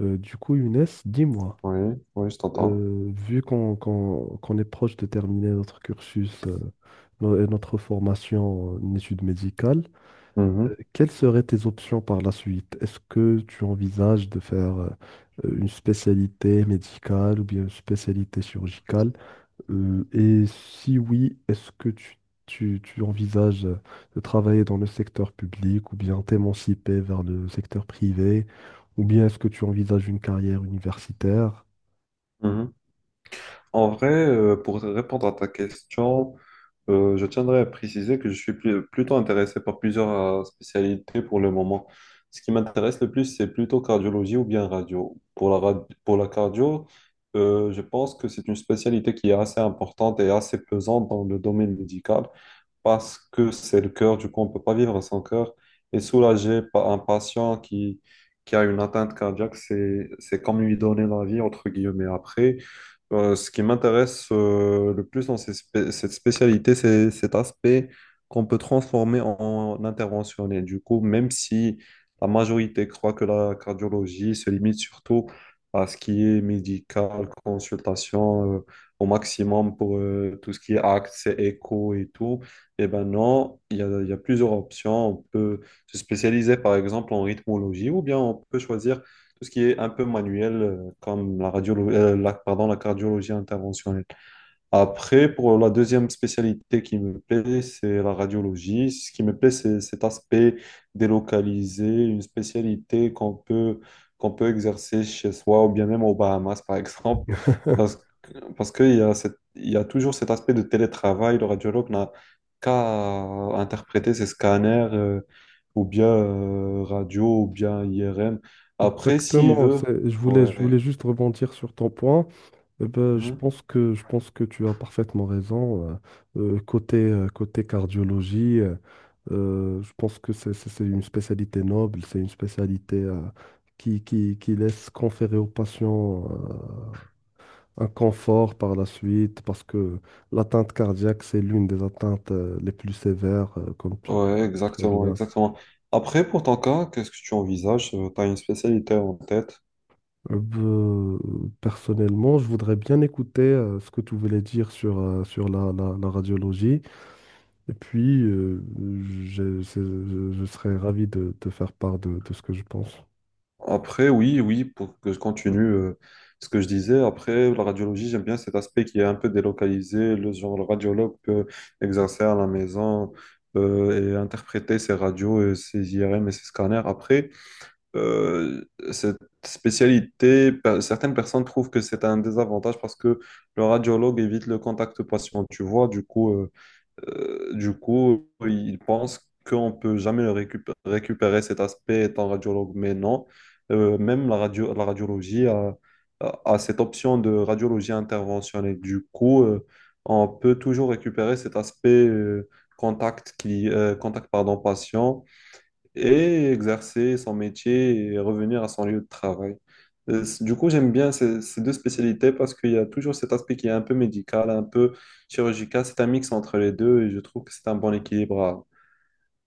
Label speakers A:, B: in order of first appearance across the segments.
A: Younes, dis-moi,
B: Oui, oui, je t'entends.
A: vu qu'on est proche de terminer notre cursus et notre formation en études médicales.
B: Mhm,
A: Quelles seraient tes options par la suite? Est-ce que tu envisages de faire une spécialité médicale ou bien une spécialité chirurgicale? Et si oui, est-ce que tu envisages de travailler dans le secteur public ou bien t'émanciper vers le secteur privé ou bien est-ce que tu envisages une carrière universitaire?
B: mhm. En vrai, pour répondre à ta question, je tiendrais à préciser que je suis plutôt intéressé par plusieurs spécialités pour le moment. Ce qui m'intéresse le plus, c'est plutôt cardiologie ou bien radio. Pour pour la cardio, je pense que c'est une spécialité qui est assez importante et assez pesante dans le domaine médical, parce que c'est le cœur, du coup, on ne peut pas vivre sans cœur. Et soulager un patient qui a une atteinte cardiaque, c'est comme lui donner la vie, entre guillemets. Après, ce qui m'intéresse le plus dans cette spécialité, c'est cet aspect qu'on peut transformer en interventionnel. Du coup, même si la majorité croit que la cardiologie se limite surtout à ce qui est médical, consultation au maximum pour tout ce qui est actes, écho et tout, eh ben non, il y a plusieurs options. On peut se spécialiser par exemple en rythmologie ou bien on peut choisir tout ce qui est un peu manuel, comme la radiologie, la, pardon, la cardiologie interventionnelle. Après, pour la deuxième spécialité qui me plaît, c'est la radiologie. Ce qui me plaît, c'est cet aspect délocalisé, une spécialité qu'on peut exercer chez soi ou bien même aux Bahamas, par exemple, parce, parce qu'il y a il y a toujours cet aspect de télétravail. Le radiologue n'a qu'à interpréter ses scanners, ou bien radio, ou bien IRM. Après, s'il
A: exactement,
B: veut,
A: c'est- je voulais,
B: ouais.
A: je voulais juste rebondir sur ton point. Eh ben,
B: Hmm.
A: je pense que tu as parfaitement raison. Côté cardiologie, je pense que c'est une spécialité noble, c'est une spécialité qui laisse conférer aux patients un confort par la suite, parce que l'atteinte cardiaque, c'est l'une des atteintes les plus sévères, comme tu
B: Ouais,
A: sais très
B: exactement,
A: bien.
B: exactement. Après, pour ton cas, qu'est-ce que tu envisages? Tu as une spécialité en tête?
A: Euh, ben, Personnellement, je voudrais bien écouter ce que tu voulais dire sur, sur la radiologie. Et puis, je serais ravi de te faire part de ce que je pense.
B: Après, oui, oui, pour que je continue ce que je disais. Après, la radiologie, j'aime bien cet aspect qui est un peu délocalisé. Le genre, le radiologue peut exercer à la maison, et interpréter ses radios, et ses IRM et ses scanners. Après, euh, cette spécialité, certaines personnes trouvent que c'est un désavantage parce que le radiologue évite le contact patient. Tu vois, du coup. Du coup, ils pensent qu'on ne peut jamais récupérer cet aspect étant radiologue, mais non. Même la radiologie a cette option de radiologie interventionnelle. Du coup, on peut toujours récupérer cet aspect contact, pardon, patient, et exercer son métier et revenir à son lieu de travail. Du coup, j'aime bien ces deux spécialités parce qu'il y a toujours cet aspect qui est un peu médical, un peu chirurgical. C'est un mix entre les deux et je trouve que c'est un bon équilibre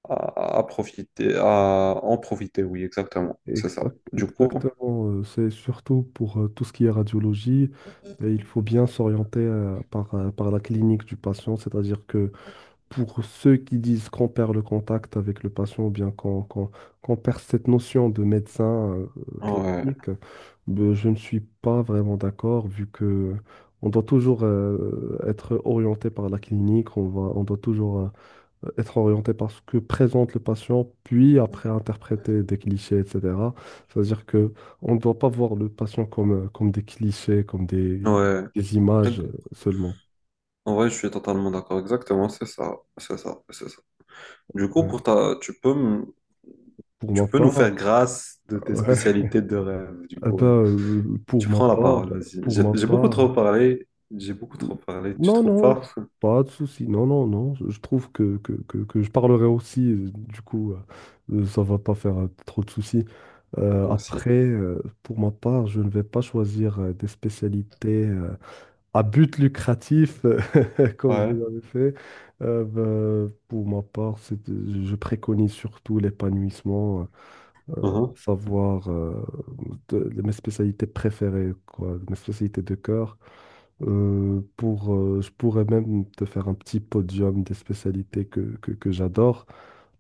B: à profiter, à en profiter. Oui, exactement. C'est ça.
A: Exact-
B: Du coup,
A: exactement, euh, c'est surtout pour tout ce qui est radiologie, et il faut bien s'orienter par la clinique du patient, c'est-à-dire que pour ceux qui disent qu'on perd le contact avec le patient ou bien qu'on perd cette notion de médecin euh,
B: ouais,
A: classique. Ben, je ne suis pas vraiment d'accord vu que on doit toujours être orienté par la clinique, on doit toujours être orienté par ce que présente le patient, puis après interpréter des clichés, etc. C'est-à-dire que on ne doit pas voir le patient comme, comme des clichés,
B: ouais.
A: des images seulement.
B: En vrai, je suis totalement d'accord. Exactement, c'est ça. C'est ça. C'est ça. Du coup, pour
A: Ouais.
B: ta, tu peux, me-
A: Pour ma
B: tu peux nous faire
A: part,
B: grâce de tes spécialités de rêve, du
A: Eh ben,
B: coup.
A: euh,
B: Tu
A: pour ma
B: prends la
A: part,
B: parole, vas-y.
A: pour ma
B: J'ai beaucoup trop
A: part,
B: parlé. J'ai beaucoup trop parlé. Tu
A: non,
B: trouves
A: non,
B: pas?
A: pas de souci, non, non, non, je trouve que, que je parlerai aussi, ça va pas faire trop de soucis.
B: Merci.
A: Pour ma part, je ne vais pas choisir des spécialités à but lucratif, comme
B: Ouais.
A: vous l'avez fait. Pour ma part, c'est- je préconise surtout l'épanouissement
B: Mhm.
A: savoir de mes spécialités préférées, quoi, mes spécialités de cœur. Je pourrais même te faire un petit podium des spécialités que j'adore.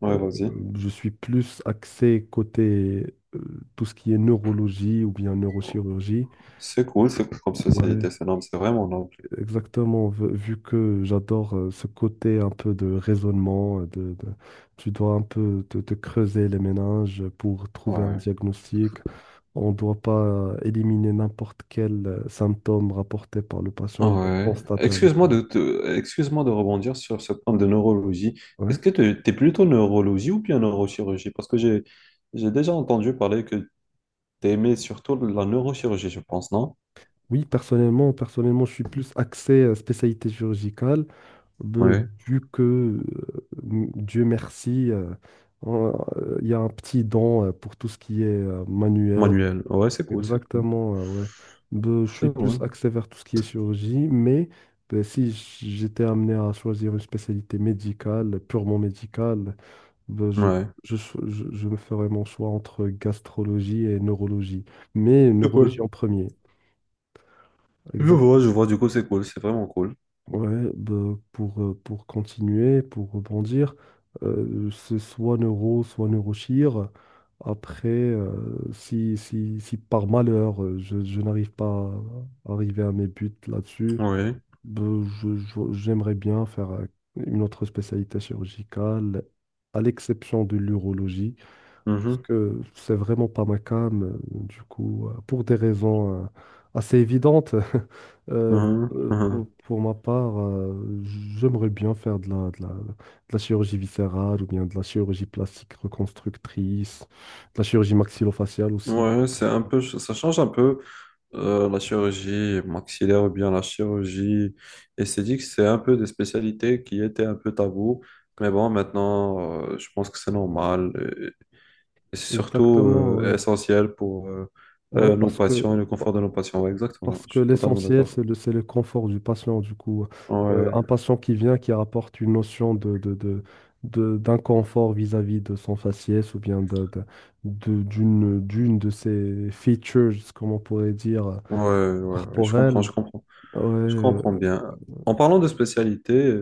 B: Ouais,
A: Euh,
B: vas-y.
A: je suis plus axé côté tout ce qui est neurologie ou bien neurochirurgie.
B: C'est cool comme
A: Ouais,
B: société. C'est noble, c'est vraiment noble.
A: exactement, vu que j'adore ce côté un peu de raisonnement, tu dois un peu te creuser les méninges pour trouver un
B: Ouais.
A: diagnostic. On ne doit pas éliminer n'importe quel symptôme rapporté par le patient ou bien
B: Ouais.
A: constaté avec un-
B: Excuse-moi de rebondir sur ce point de neurologie.
A: Ouais.
B: Est-ce que tu es plutôt neurologie ou bien neurochirurgie? Parce que j'ai déjà entendu parler que tu aimais surtout la neurochirurgie, je pense, non?
A: Oui, personnellement, je suis plus axé spécialité chirurgicale, euh,
B: Ouais.
A: vu que, Dieu merci, on- il y a un petit don pour tout ce qui est manuel.
B: Manuel. Ouais, c'est cool, c'est cool.
A: Exactement, ouais. Ben, je suis
B: C'est
A: plus
B: cool.
A: axé vers tout ce qui est chirurgie, mais ben, si j- j'étais amené à choisir une spécialité médicale, purement médicale, ben, je,
B: Ouais.
A: je me ferais mon choix entre gastrologie et neurologie. Mais
B: C'est cool.
A: neurologie en premier.
B: Je vois, du coup, c'est cool, c'est vraiment cool.
A: Ouais, bah, pour continuer, pour rebondir, c'est soit Neuro, soit Neurochir. Après, euh, Si, si par malheur, je n'arrive pas à arriver à mes buts là-dessus,
B: Oui.
A: bah, j'aimerais bien faire une autre spécialité chirurgicale, à l'exception de l'urologie. Parce
B: Mhm,
A: que c'est vraiment pas ma came. Pour des raisons assez évidentes, euh,
B: mhm, mhm.
A: pour ma part, j'aimerais bien faire de la, de la, de la chirurgie viscérale ou bien de la chirurgie plastique reconstructrice, de la chirurgie maxillofaciale aussi.
B: Ouais, c'est un peu, ça change un peu, la chirurgie maxillaire ou bien la chirurgie esthétique. C'est un peu des spécialités qui étaient un peu tabou. Mais bon, maintenant, je pense que c'est normal, et, et c'est surtout
A: Exactement, ouais.
B: essentiel pour
A: Ouais,
B: nos
A: parce
B: patients et
A: que,
B: le confort de nos
A: pa-
B: patients. Ouais, exactement,
A: parce
B: je
A: que
B: suis totalement
A: l'essentiel,
B: d'accord.
A: c'est c'est le confort du patient. Du coup,
B: Ouais,
A: un patient qui vient, qui apporte une notion d'inconfort vis-à-vis de son faciès ou bien d'une, d'une de ses features, comme on pourrait dire,
B: ouais, ouais, ouais, je comprends,
A: corporelles,
B: je comprends.
A: ouais,
B: Je comprends bien. En parlant de spécialité,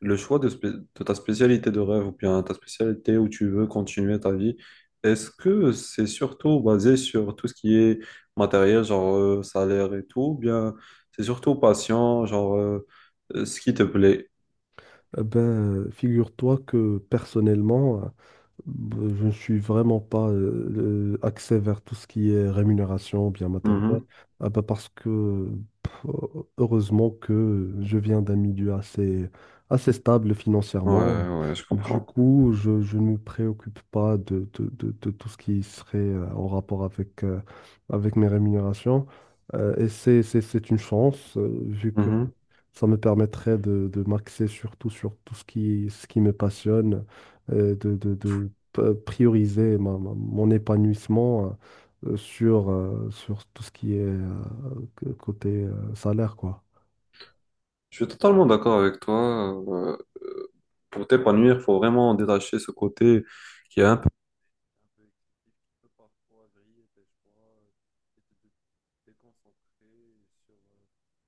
B: le choix de ta spécialité de rêve ou bien ta spécialité où tu veux continuer ta vie, est-ce que c'est surtout basé sur tout ce qui est matériel, genre salaire et tout, ou bien c'est surtout patient, genre ce qui te plaît?
A: eh ben, figure-toi que personnellement, je ne suis vraiment pas axé vers tout ce qui est rémunération, bien matériel.
B: Mhm.
A: Ah bah parce que pff, heureusement que je viens d'un milieu assez stable financièrement.
B: Ouais, ouais, je
A: Du
B: comprends.
A: coup, je ne me préoccupe pas de tout ce qui serait en rapport avec, avec mes rémunérations. Et c'est une chance, vu que
B: Mhm.
A: ça me permettrait de m'axer surtout sur tout ce qui me passionne, prioriser mon épanouissement sur tout ce qui est côté salaire, quoi.
B: Je suis totalement d'accord avec toi. Euh, pour t'épanouir, il faut vraiment détacher ce côté qui est un peu excessif qui peut parfois griller tes choix et déconcentrer sur,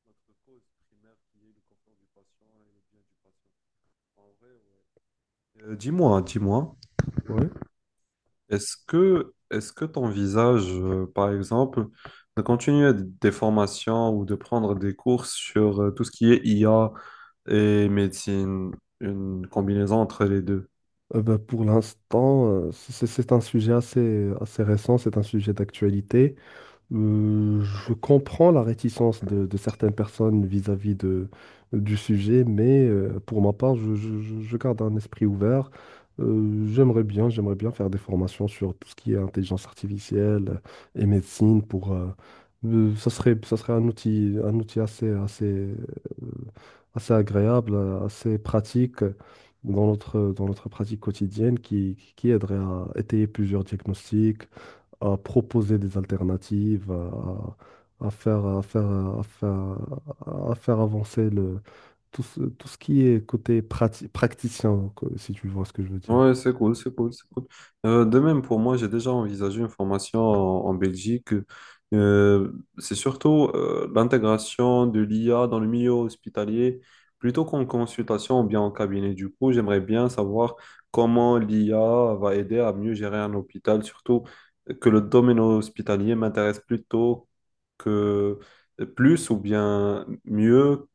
B: notre cause primaire qui est le confort du patient et le bien du patient. En vrai, ouais. Dis-moi, dis-moi,
A: Ouais.
B: est-ce que t'envisages, par exemple, de continuer des formations ou de prendre des cours sur tout ce qui est IA et médecine, une combinaison entre les deux?
A: Pour l'instant, c'est un sujet assez récent, c'est un sujet d'actualité. Je comprends la réticence de certaines personnes vis-à-vis de, du sujet, mais pour ma part, je garde un esprit ouvert. J'aimerais bien, j'aimerais bien faire des formations sur tout ce qui est intelligence artificielle et médecine pour, ça serait un outil assez agréable, assez pratique dans notre pratique quotidienne qui aiderait à étayer plusieurs diagnostics, à proposer des alternatives, à, à faire, à faire, à faire, à faire avancer le, tout ce qui est côté praticien, quoi, si tu vois ce que je veux dire.
B: Ouais, c'est cool, c'est cool, c'est cool. De même, pour moi, j'ai déjà envisagé une formation en Belgique. C'est surtout l'intégration de l'IA dans le milieu hospitalier, plutôt qu'en consultation ou bien en cabinet. Du coup, j'aimerais bien savoir comment l'IA va aider à mieux gérer un hôpital, surtout que le domaine hospitalier m'intéresse plutôt que plus ou bien mieux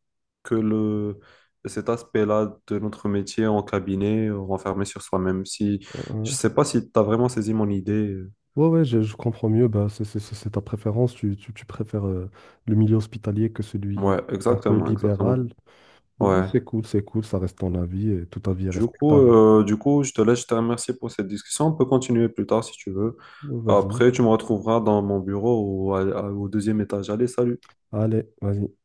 B: que le cet aspect-là de notre métier en cabinet, renfermé sur soi-même. Si, je
A: Ouais,
B: sais pas si tu as vraiment saisi mon idée.
A: ouais, je comprends mieux. Bah, c'est ta préférence. Tu préfères le milieu hospitalier que
B: Ouais,
A: celui un peu
B: exactement, exactement.
A: libéral. Bah,
B: Ouais.
A: c'est cool, c'est cool. Ça reste ton avis et tout avis est respectable.
B: Du coup, je te laisse, je te remercie pour cette discussion. On peut continuer plus tard si tu veux.
A: Vas-y.
B: Après, tu me retrouveras dans mon bureau ou au deuxième étage. Allez, salut.
A: Allez, vas-y.